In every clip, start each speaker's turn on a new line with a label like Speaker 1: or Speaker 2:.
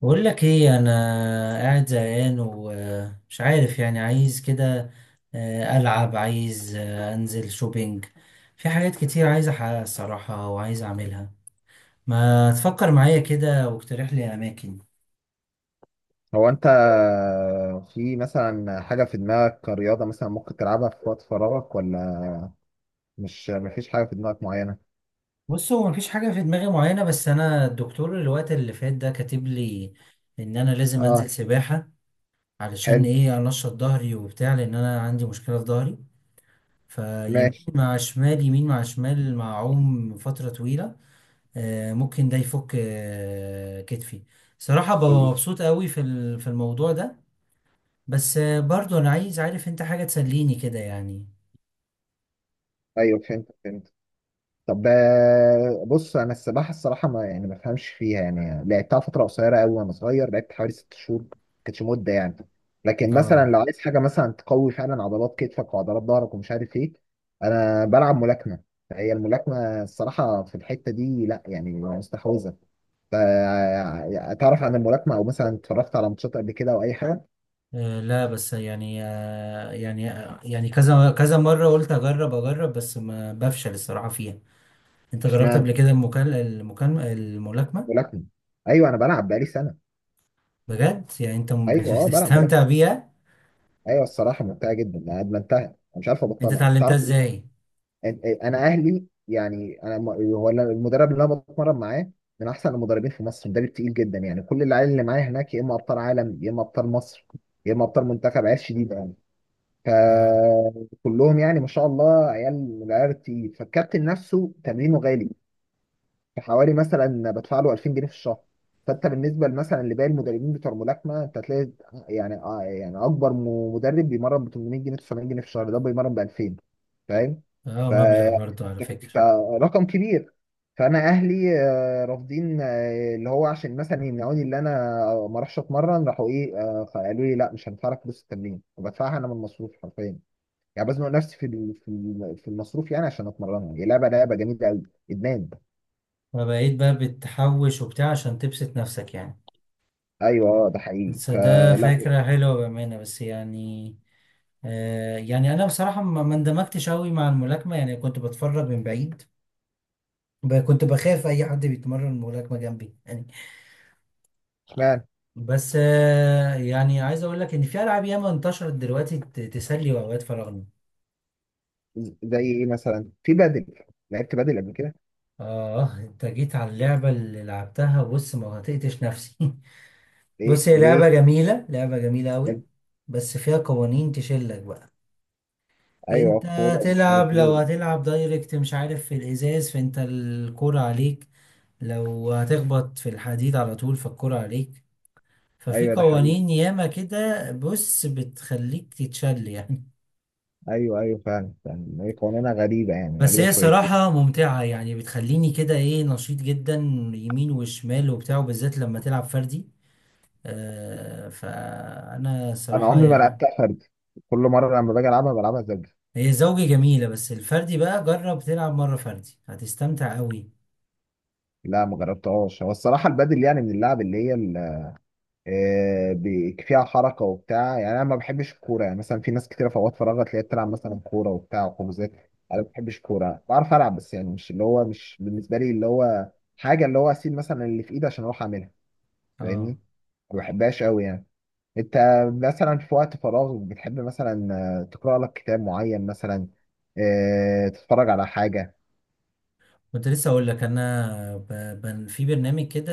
Speaker 1: بقول لك ايه؟ انا قاعد زهقان ومش عارف، يعني عايز كده العب، عايز انزل شوبينج. في حاجات كتير عايز احققها الصراحه وعايز اعملها. ما تفكر معايا كده واقترح لي اماكن.
Speaker 2: هو انت، في مثلا حاجة في دماغك كرياضة مثلا ممكن تلعبها في وقت فراغك؟ ولا مش مفيش حاجة في دماغك معينة؟
Speaker 1: بص، هو مفيش حاجه في دماغي معينه، بس انا الدكتور الوقت اللي فات ده كاتب لي ان انا لازم انزل
Speaker 2: اه.
Speaker 1: سباحه، علشان
Speaker 2: حلو.
Speaker 1: ايه؟ انشط ظهري وبتاع، لان انا عندي مشكله في ظهري. فيمين
Speaker 2: ماشي.
Speaker 1: مع شمال، يمين مع شمال، مع عوم فتره طويله. ممكن ده يفك كتفي. صراحة ببقى مبسوط قوي في الموضوع ده. بس برضو انا عايز، عارف انت، حاجة تسليني كده يعني.
Speaker 2: ايوه، فهمت فهمت. طب، بص، انا السباحة الصراحة ما بفهمش فيها، يعني لعبتها فترة قصيرة قوي وانا صغير، لعبت حوالي 6 شهور، ما كانتش مدة يعني. لكن مثلا
Speaker 1: اه.
Speaker 2: لو عايز حاجة مثلا تقوي فعلا عضلات كتفك وعضلات ظهرك ومش عارف ايه، انا بلعب ملاكمة. هي الملاكمة الصراحة في الحتة دي لا يعني مستحوذة. تعرف عن الملاكمة أو مثلا اتفرجت على ماتشات قبل كده أو أي حاجة؟
Speaker 1: لا بس يعني، يعني يعني كذا كذا مرة قلت اجرب اجرب، بس ما بفشل الصراحة فيها. انت جربت
Speaker 2: اشمعنى؟
Speaker 1: قبل كده المكال المكالمة الملاكمة؟
Speaker 2: ملاكمة؟ أيوه، أنا بلعب بقالي سنة.
Speaker 1: بجد يعني انت
Speaker 2: أيوه، بلعب ملاكمة.
Speaker 1: بتستمتع بيها؟
Speaker 2: أيوه، الصراحة ممتعة جدا، أنا أدمنتها، أنا مش عارف
Speaker 1: انت
Speaker 2: أبطلها،
Speaker 1: اتعلمتها
Speaker 2: تعرف.
Speaker 1: ازاي؟
Speaker 2: أنا أهلي يعني، هو أنا المدرب اللي أنا بتمرن معاه، من أحسن المدربين في مصر، مدرب تقيل جدا، يعني كل العيال اللي معايا هناك يا إما أبطال عالم، يا إما أبطال مصر، يا إما أبطال منتخب، عيال شديدة يعني.
Speaker 1: اه.
Speaker 2: فكلهم يعني ما شاء الله عيال من العيال التقيل، فالكابتن نفسه تمرينه غالي. في حوالي مثلا بدفع له 2000 جنيه في الشهر. فانت بالنسبه مثلا لباقي المدربين بتوع الملاكمه انت هتلاقي يعني، يعني اكبر مدرب بيمرن ب 800 جنيه، 900 جنيه في الشهر، ده بيمرن ب 2000. فاهم؟
Speaker 1: اه
Speaker 2: ف
Speaker 1: مبلغ برضو على فكرة.
Speaker 2: ف- رقم كبير. فانا اهلي رافضين، اللي هو عشان مثلا يمنعوني اللي انا ما اروحش اتمرن، راحوا ايه، قالوا لي لا، مش هندفع لك فلوس التمرين، وبدفعها انا من المصروف حرفيا. يعني بزنق نفسي في المصروف، يعني عشان اتمرنها، هي لعبه جميله قوي، ادمان.
Speaker 1: فبقيت بقى بتحوش وبتاع عشان تبسط نفسك يعني.
Speaker 2: ايوه، اه، ده حقيقي.
Speaker 1: بس ده
Speaker 2: فلا.
Speaker 1: فكرة حلوة بأمانة، بس يعني آه يعني أنا بصراحة ما اندمجتش أوي مع الملاكمة، يعني كنت بتفرج من بعيد. كنت بخاف أي حد بيتمرن ملاكمة جنبي يعني.
Speaker 2: اشمعنى؟
Speaker 1: بس آه يعني عايز أقول لك إن في ألعاب ياما انتشرت دلوقتي تسلي أوقات فراغنا.
Speaker 2: زي ايه مثلا؟ في بدل؟ لعبت بدل قبل كده؟
Speaker 1: آه أنت جيت على اللعبة اللي لعبتها. بص، ما هطقتش نفسي
Speaker 2: ليه
Speaker 1: بص، هي لعبة
Speaker 2: ليه؟
Speaker 1: جميلة، لعبة جميلة أوي،
Speaker 2: بدل.
Speaker 1: بس فيها قوانين تشلك بقى.
Speaker 2: ايوه،
Speaker 1: انت
Speaker 2: كوره ومش
Speaker 1: تلعب،
Speaker 2: عارف ايه.
Speaker 1: لو هتلعب دايركت مش عارف في الازاز فانت الكرة عليك، لو هتخبط في الحديد على طول فالكرة عليك. ففي
Speaker 2: ايوه، ده حقيقي.
Speaker 1: قوانين ياما كده، بص، بتخليك تتشل يعني.
Speaker 2: ايوه ايوه فعلا، يعني هي قوانينها غريبه يعني،
Speaker 1: بس
Speaker 2: غريبه
Speaker 1: هي
Speaker 2: شويتين.
Speaker 1: صراحة ممتعة يعني، بتخليني كده ايه، نشيط جدا، يمين وشمال وبتاع، بالذات لما تلعب فردي. آه فأنا
Speaker 2: انا
Speaker 1: صراحة
Speaker 2: عمري ما
Speaker 1: يعني،
Speaker 2: لعبتها فرد، كل مره لما باجي العبها بلعبها زوجي.
Speaker 1: هي زوجي جميلة، بس الفردي بقى جرب تلعب مرة فردي هتستمتع قوي.
Speaker 2: لا، ما جربتهاش. هو الصراحه البدل يعني من اللعب اللي هي فيها حركه وبتاع، يعني انا ما بحبش الكوره، يعني مثلا في ناس كتير في اوقات فراغها تلاقيها بتلعب مثلا كوره وبتاع وحجوزات. انا ما بحبش الكوره، بعرف العب بس، يعني مش اللي هو، مش بالنسبه لي اللي هو حاجه، اللي هو اسيب مثلا اللي في ايدي عشان اروح اعملها.
Speaker 1: اه.
Speaker 2: فاهمني؟ ما بحبهاش قوي يعني. انت مثلا في وقت فراغ بتحب مثلا تقرا لك كتاب معين مثلا؟ تتفرج على حاجه؟
Speaker 1: كنت لسه اقول لك انا في برنامج كده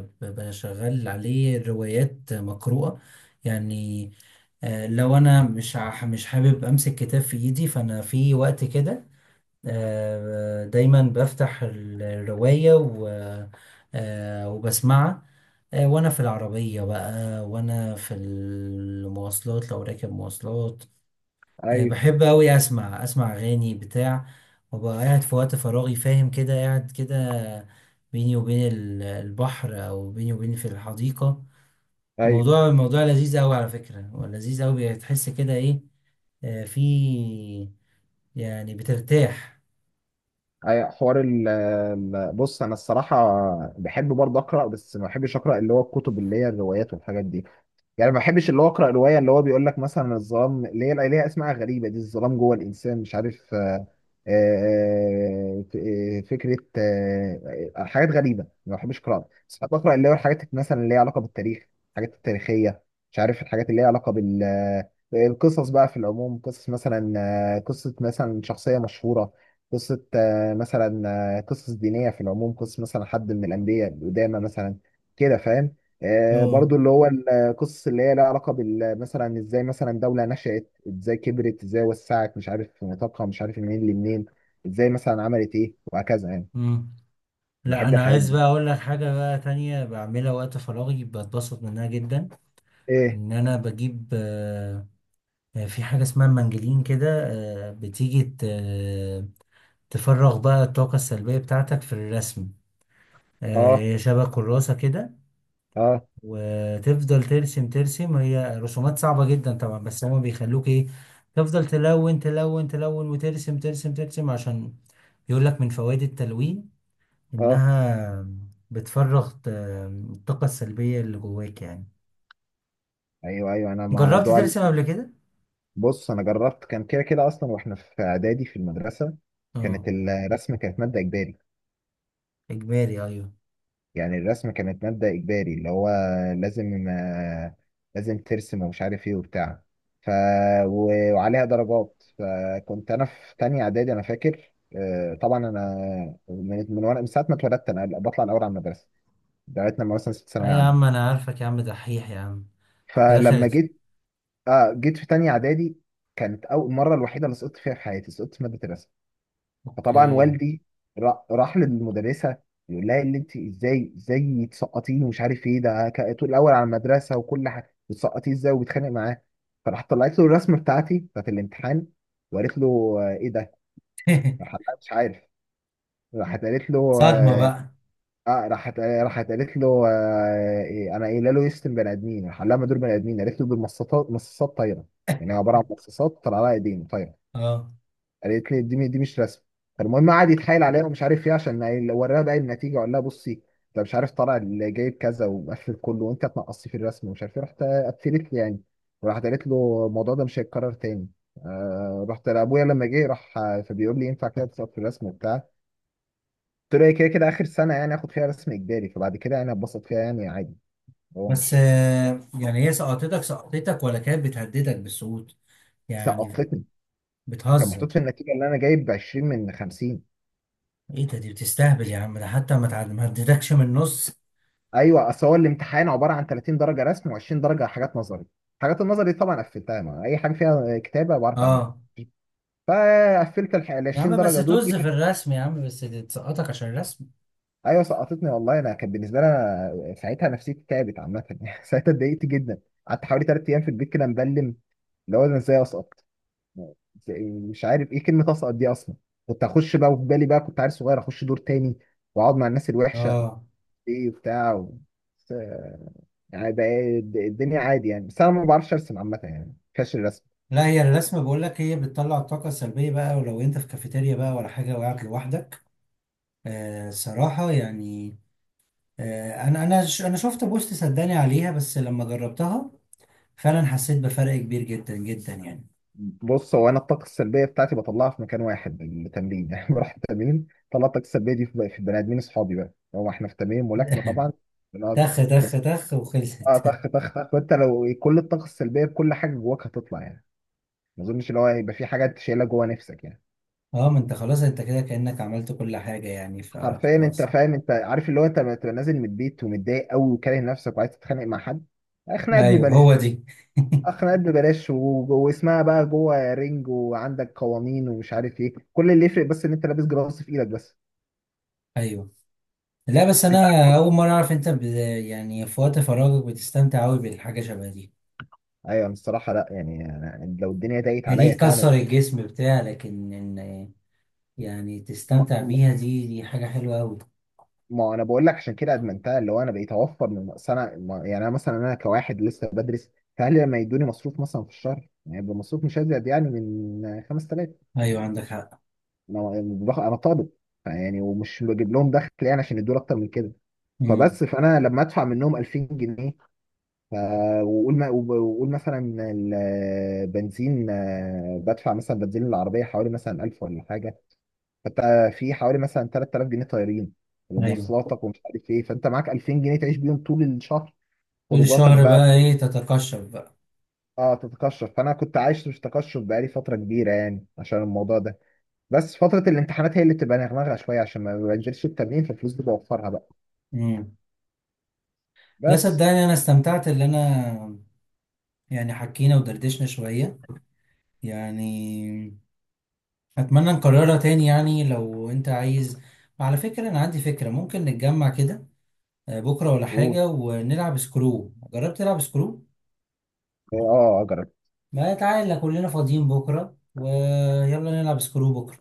Speaker 1: ب... بشغل عليه روايات مقروءة يعني. لو انا مش حابب امسك كتاب في ايدي، فانا في وقت كده دايما بفتح الرواية و... وبسمعها وانا في العربية بقى، وانا في المواصلات لو راكب مواصلات.
Speaker 2: ايوه
Speaker 1: بحب أوي أسمع أغاني بتاع، وأبقى قاعد في وقت فراغي، فاهم كده، قاعد كده بيني وبين البحر، أو بيني وبين في الحديقة.
Speaker 2: ايوه.
Speaker 1: الموضوع لذيذ أوي على فكرة، لذيذ أوي، بتحس كده إيه، في يعني بترتاح.
Speaker 2: أي حوار بص، انا الصراحه بحب برضه اقرا، بس ما بحبش اقرا اللي هو الكتب اللي هي الروايات والحاجات دي. يعني ما بحبش اللي هو اقرا روايه اللي هو بيقول لك مثلا الظلام، اللي هي ليها اسماء غريبه دي، الظلام جوه الانسان مش عارف، فكره، حاجات غريبه ما بحبش اقراها، بس بحب اقرا اللي هو الحاجات مثلا اللي هي علاقه بالتاريخ، الحاجات التاريخيه، مش عارف الحاجات اللي هي علاقه بال، القصص بقى في العموم، قصص مثلا، قصه مثلا شخصيه مشهوره، قصه، مثلا، قصص دينيه في العموم، قصه مثلا حد من الانبياء القدامى مثلا، كده فاهم؟
Speaker 1: اه.
Speaker 2: برضو اللي هو قصص اللي هي لها علاقه بال، مثلا ازاي مثلا دوله نشأت، ازاي كبرت، ازاي وسعت، مش عارف في نطاقها، مش عارف منين لمنين، ازاي مثلا عملت ايه وهكذا يعني.
Speaker 1: مم. لا
Speaker 2: بحب
Speaker 1: أنا
Speaker 2: الحاجات
Speaker 1: عايز بقى
Speaker 2: دي.
Speaker 1: أقول لك حاجة بقى تانية بعملها وقت فراغي بتبسط منها جدا.
Speaker 2: ايه؟
Speaker 1: إن أنا بجيب في حاجة اسمها المنجلين كده، بتيجي تفرغ بقى الطاقة السلبية بتاعتك في الرسم.
Speaker 2: اه.
Speaker 1: هي شبه كراسة كده،
Speaker 2: اه.
Speaker 1: وتفضل ترسم ترسم، هي رسومات صعبة جدا طبعا، بس هما بيخلوك ايه، تفضل تلون تلون تلون وترسم ترسم ترسم، عشان يقول لك من فوائد التلوين
Speaker 2: اه.
Speaker 1: إنها بتفرغ الطاقة السلبية اللي جواك يعني.
Speaker 2: ايوه ايوه.
Speaker 1: جربت ترسم قبل كده؟
Speaker 2: بص، انا جربت، كان كده كده اصلا واحنا في اعدادي في المدرسه،
Speaker 1: اه.
Speaker 2: كانت الرسم كانت ماده اجباري.
Speaker 1: إجباري، أيوه.
Speaker 2: يعني الرسم كانت مادة إجباري اللي هو لازم آه، لازم ترسم ومش عارف إيه وبتاع. ف... وعليها درجات. فكنت أنا في تانية إعدادي، أنا فاكر، طبعا أنا من من وأنا من ساعة ما اتولدت أنا بطلع الأول على المدرسة لغاية لما مثلا ست ثانوية
Speaker 1: أي يا عم،
Speaker 2: عامة.
Speaker 1: أنا عارفك يا عم دحيح يا عم. في
Speaker 2: فلما
Speaker 1: الآخر.
Speaker 2: جيت، جيت في تانية إعدادي، كانت أول مرة الوحيدة اللي سقطت فيها في حياتي، سقطت في مادة الرسم. فطبعا
Speaker 1: أوكي.
Speaker 2: والدي راح للمدرسه، يقول لها اللي انت ازاي تسقطيني ومش عارف ايه ده، طول الاول على المدرسه وكل حاجه بتسقطيه ازاي؟ وبيتخانق معاه. فراح طلعت له الرسمه بتاعتي بتاعت الامتحان، وقالت له، ايه ده؟ راح قال لها مش عارف. راحت قالت له
Speaker 1: صدمة
Speaker 2: اه.
Speaker 1: بقى.
Speaker 2: راحت قالت له، إيه انا قايله له يشتم بني ادمين؟ راح قال لها ما دول بني ادمين. قالت له دول مصاصات، مصاصات طايره، يعني عباره عن مصاصات طلع لها ايدين طايره.
Speaker 1: اه.
Speaker 2: قالت لي دي مش رسم. فالمهم قعد يتحايل عليها ومش عارف ايه، عشان وراها بقى النتيجه، وقال لها بصي، انت مش عارف طالع اللي جايب كذا ومقفل كله وانت تنقصي في الرسم ومش عارف ايه، رحت قفلت لي يعني. وراحت قالت له الموضوع ده مش هيتكرر تاني. رحت لابويا لما جه راح، فبيقول لي ينفع كده تسقط في الرسم وبتاع؟ قلت له هي كده كده اخر سنه يعني اخد فيها رسم اجباري، فبعد كده يعني اتبسط فيها يعني عادي. هو
Speaker 1: بس
Speaker 2: مش
Speaker 1: يعني هي سقطتك سقطتك، ولا كانت بتهددك بالسقوط يعني،
Speaker 2: سقطتني؟ كان
Speaker 1: بتهزر؟
Speaker 2: محطوط في النتيجه اللي انا جايب 20 من 50.
Speaker 1: ايه ده، دي بتستهبل يا عم، ده حتى ما هددكش من النص.
Speaker 2: ايوه، اصل هو الامتحان عباره عن 30 درجه رسم و20 درجه حاجات نظري. حاجات النظري دي طبعا قفلتها، ما اي حاجه فيها كتابه بعرف اعملها.
Speaker 1: اه.
Speaker 2: فقفلت ال
Speaker 1: يا
Speaker 2: 20
Speaker 1: عم بس
Speaker 2: درجه دول،
Speaker 1: طز في الرسم، يا عم بس دي تسقطك عشان الرسم.
Speaker 2: ايوه سقطتني والله. انا كان بالنسبه لي، أنا ساعتها نفسيتي تعبت عامه ساعتها اتضايقت جدا. قعدت حوالي 3 ايام في البيت كده مبلم، اللي هو انا ازاي اسقط؟ مش عارف ايه كلمه اسقط دي اصلا. كنت اخش بقى وفي بالي بقى، كنت عيل صغير اخش دور تاني واقعد مع الناس الوحشه،
Speaker 1: اه.
Speaker 2: ايه بتاع، و- بس، آه، يعني بقى الدنيا عادي يعني، بس انا ما بعرفش ارسم عامه يعني، فاشل الرسم.
Speaker 1: لا هي الرسم بقول لك، هي بتطلع الطاقة السلبية بقى، ولو انت في كافيتيريا بقى ولا حاجة وقعت لوحدك. آه صراحة يعني. آه انا انا شفت بوست، صدقني عليها، بس لما جربتها فعلا حسيت بفرق كبير جدا جدا يعني.
Speaker 2: بص، هو انا الطاقه السلبيه بتاعتي بطلعها في مكان واحد، التمرين يعني بروح التمرين طلع الطاقه السلبيه دي في البني ادمين اصحابي بقى، هو احنا في تمرين ملاكمه طبعا، بنقعد.
Speaker 1: تخ تخ تخ وخلصت
Speaker 2: اه، طخ طخ طخ. وانت لو كل الطاقه السلبيه بكل حاجه جواك هتطلع يعني، ما اظنش اللي هو هيبقى في حاجه انت شايلها جوا نفسك يعني.
Speaker 1: اه، ما انت خلاص، انت كده كأنك عملت كل حاجة يعني،
Speaker 2: حرفيا، انت
Speaker 1: فخلاص.
Speaker 2: فاهم، انت عارف اللي هو، انت لما تبقى نازل من البيت ومتضايق قوي وكاره نفسك وعايز تتخانق مع حد، خناقات
Speaker 1: ايوه
Speaker 2: ببلاش.
Speaker 1: هو دي.
Speaker 2: خناقات ببلاش، واسمها بقى جوه رينج، وعندك قوانين ومش عارف ايه، كل اللي يفرق بس ان انت لابس جراص في ايدك بس.
Speaker 1: ايوه. لا بس انا
Speaker 2: انت؟
Speaker 1: اول مرة اعرف انت يعني في وقت فراغك بتستمتع قوي بالحاجة شبه دي.
Speaker 2: ايوه، أنا الصراحه لا يعني، أنا لو الدنيا ضاقت
Speaker 1: هي دي
Speaker 2: عليا فعلا،
Speaker 1: تكسر الجسم بتاع، لكن ان يعني
Speaker 2: ما,
Speaker 1: تستمتع
Speaker 2: ما
Speaker 1: بيها، دي دي حاجة حلوة قوي.
Speaker 2: ما انا بقول لك عشان كده ادمنتها، اللي هو انا بقيت اوفر من أصل. انا ما- يعني انا مثلا، انا كواحد لسه بدرس، فاهلي لما يدوني مصروف مثلا في الشهر يعني، يبقى مصروف مش ازيد يعني من 5000
Speaker 1: ايوه عندك
Speaker 2: يعني.
Speaker 1: حق.
Speaker 2: انا طالب يعني، ومش بجيب لهم دخل يعني عشان يدوني اكتر من كده.
Speaker 1: امم.
Speaker 2: فبس، فانا لما ادفع منهم 2000 جنيه، ف- وقول ما- وقول مثلا البنزين، بدفع مثلا بنزين العربية حوالي مثلا 1000 ولا حاجة. فانت في حوالي مثلا 3000 جنيه طايرين
Speaker 1: ايوه
Speaker 2: ومواصلاتك ومش عارف ايه، فانت معاك 2000 جنيه تعيش بيهم طول الشهر.
Speaker 1: طول
Speaker 2: خروجاتك
Speaker 1: الشهر
Speaker 2: بقى،
Speaker 1: بقى ايه، تتقشف بقى.
Speaker 2: اه تتقشف. فانا كنت عايش في تقشف بقالي فترة كبيرة يعني عشان الموضوع ده، بس فترة الامتحانات هي اللي بتبقى نغنغة شوية عشان ما بنزلش التمرين، فالفلوس دي بوفرها بقى،
Speaker 1: امم. لا
Speaker 2: بس.
Speaker 1: صدقني انا استمتعت، اللي انا يعني حكينا ودردشنا شوية يعني. اتمنى نكررها تاني يعني لو انت عايز. على فكرة انا عندي فكرة، ممكن نتجمع كده بكرة ولا
Speaker 2: و،
Speaker 1: حاجة ونلعب سكرو. جربت تلعب سكرو؟
Speaker 2: اه، اجرب.
Speaker 1: ما تعالى كلنا فاضيين بكرة، ويلا نلعب سكرو بكرة.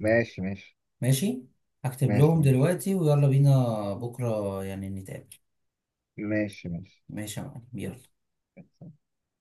Speaker 2: ماشي ماشي.
Speaker 1: ماشي. هكتب
Speaker 2: ماشي
Speaker 1: لهم
Speaker 2: ماشي.
Speaker 1: دلوقتي ويلا بينا بكرة يعني نتقابل.
Speaker 2: ماشي
Speaker 1: ماشي يا معلم يلا.
Speaker 2: ماشي.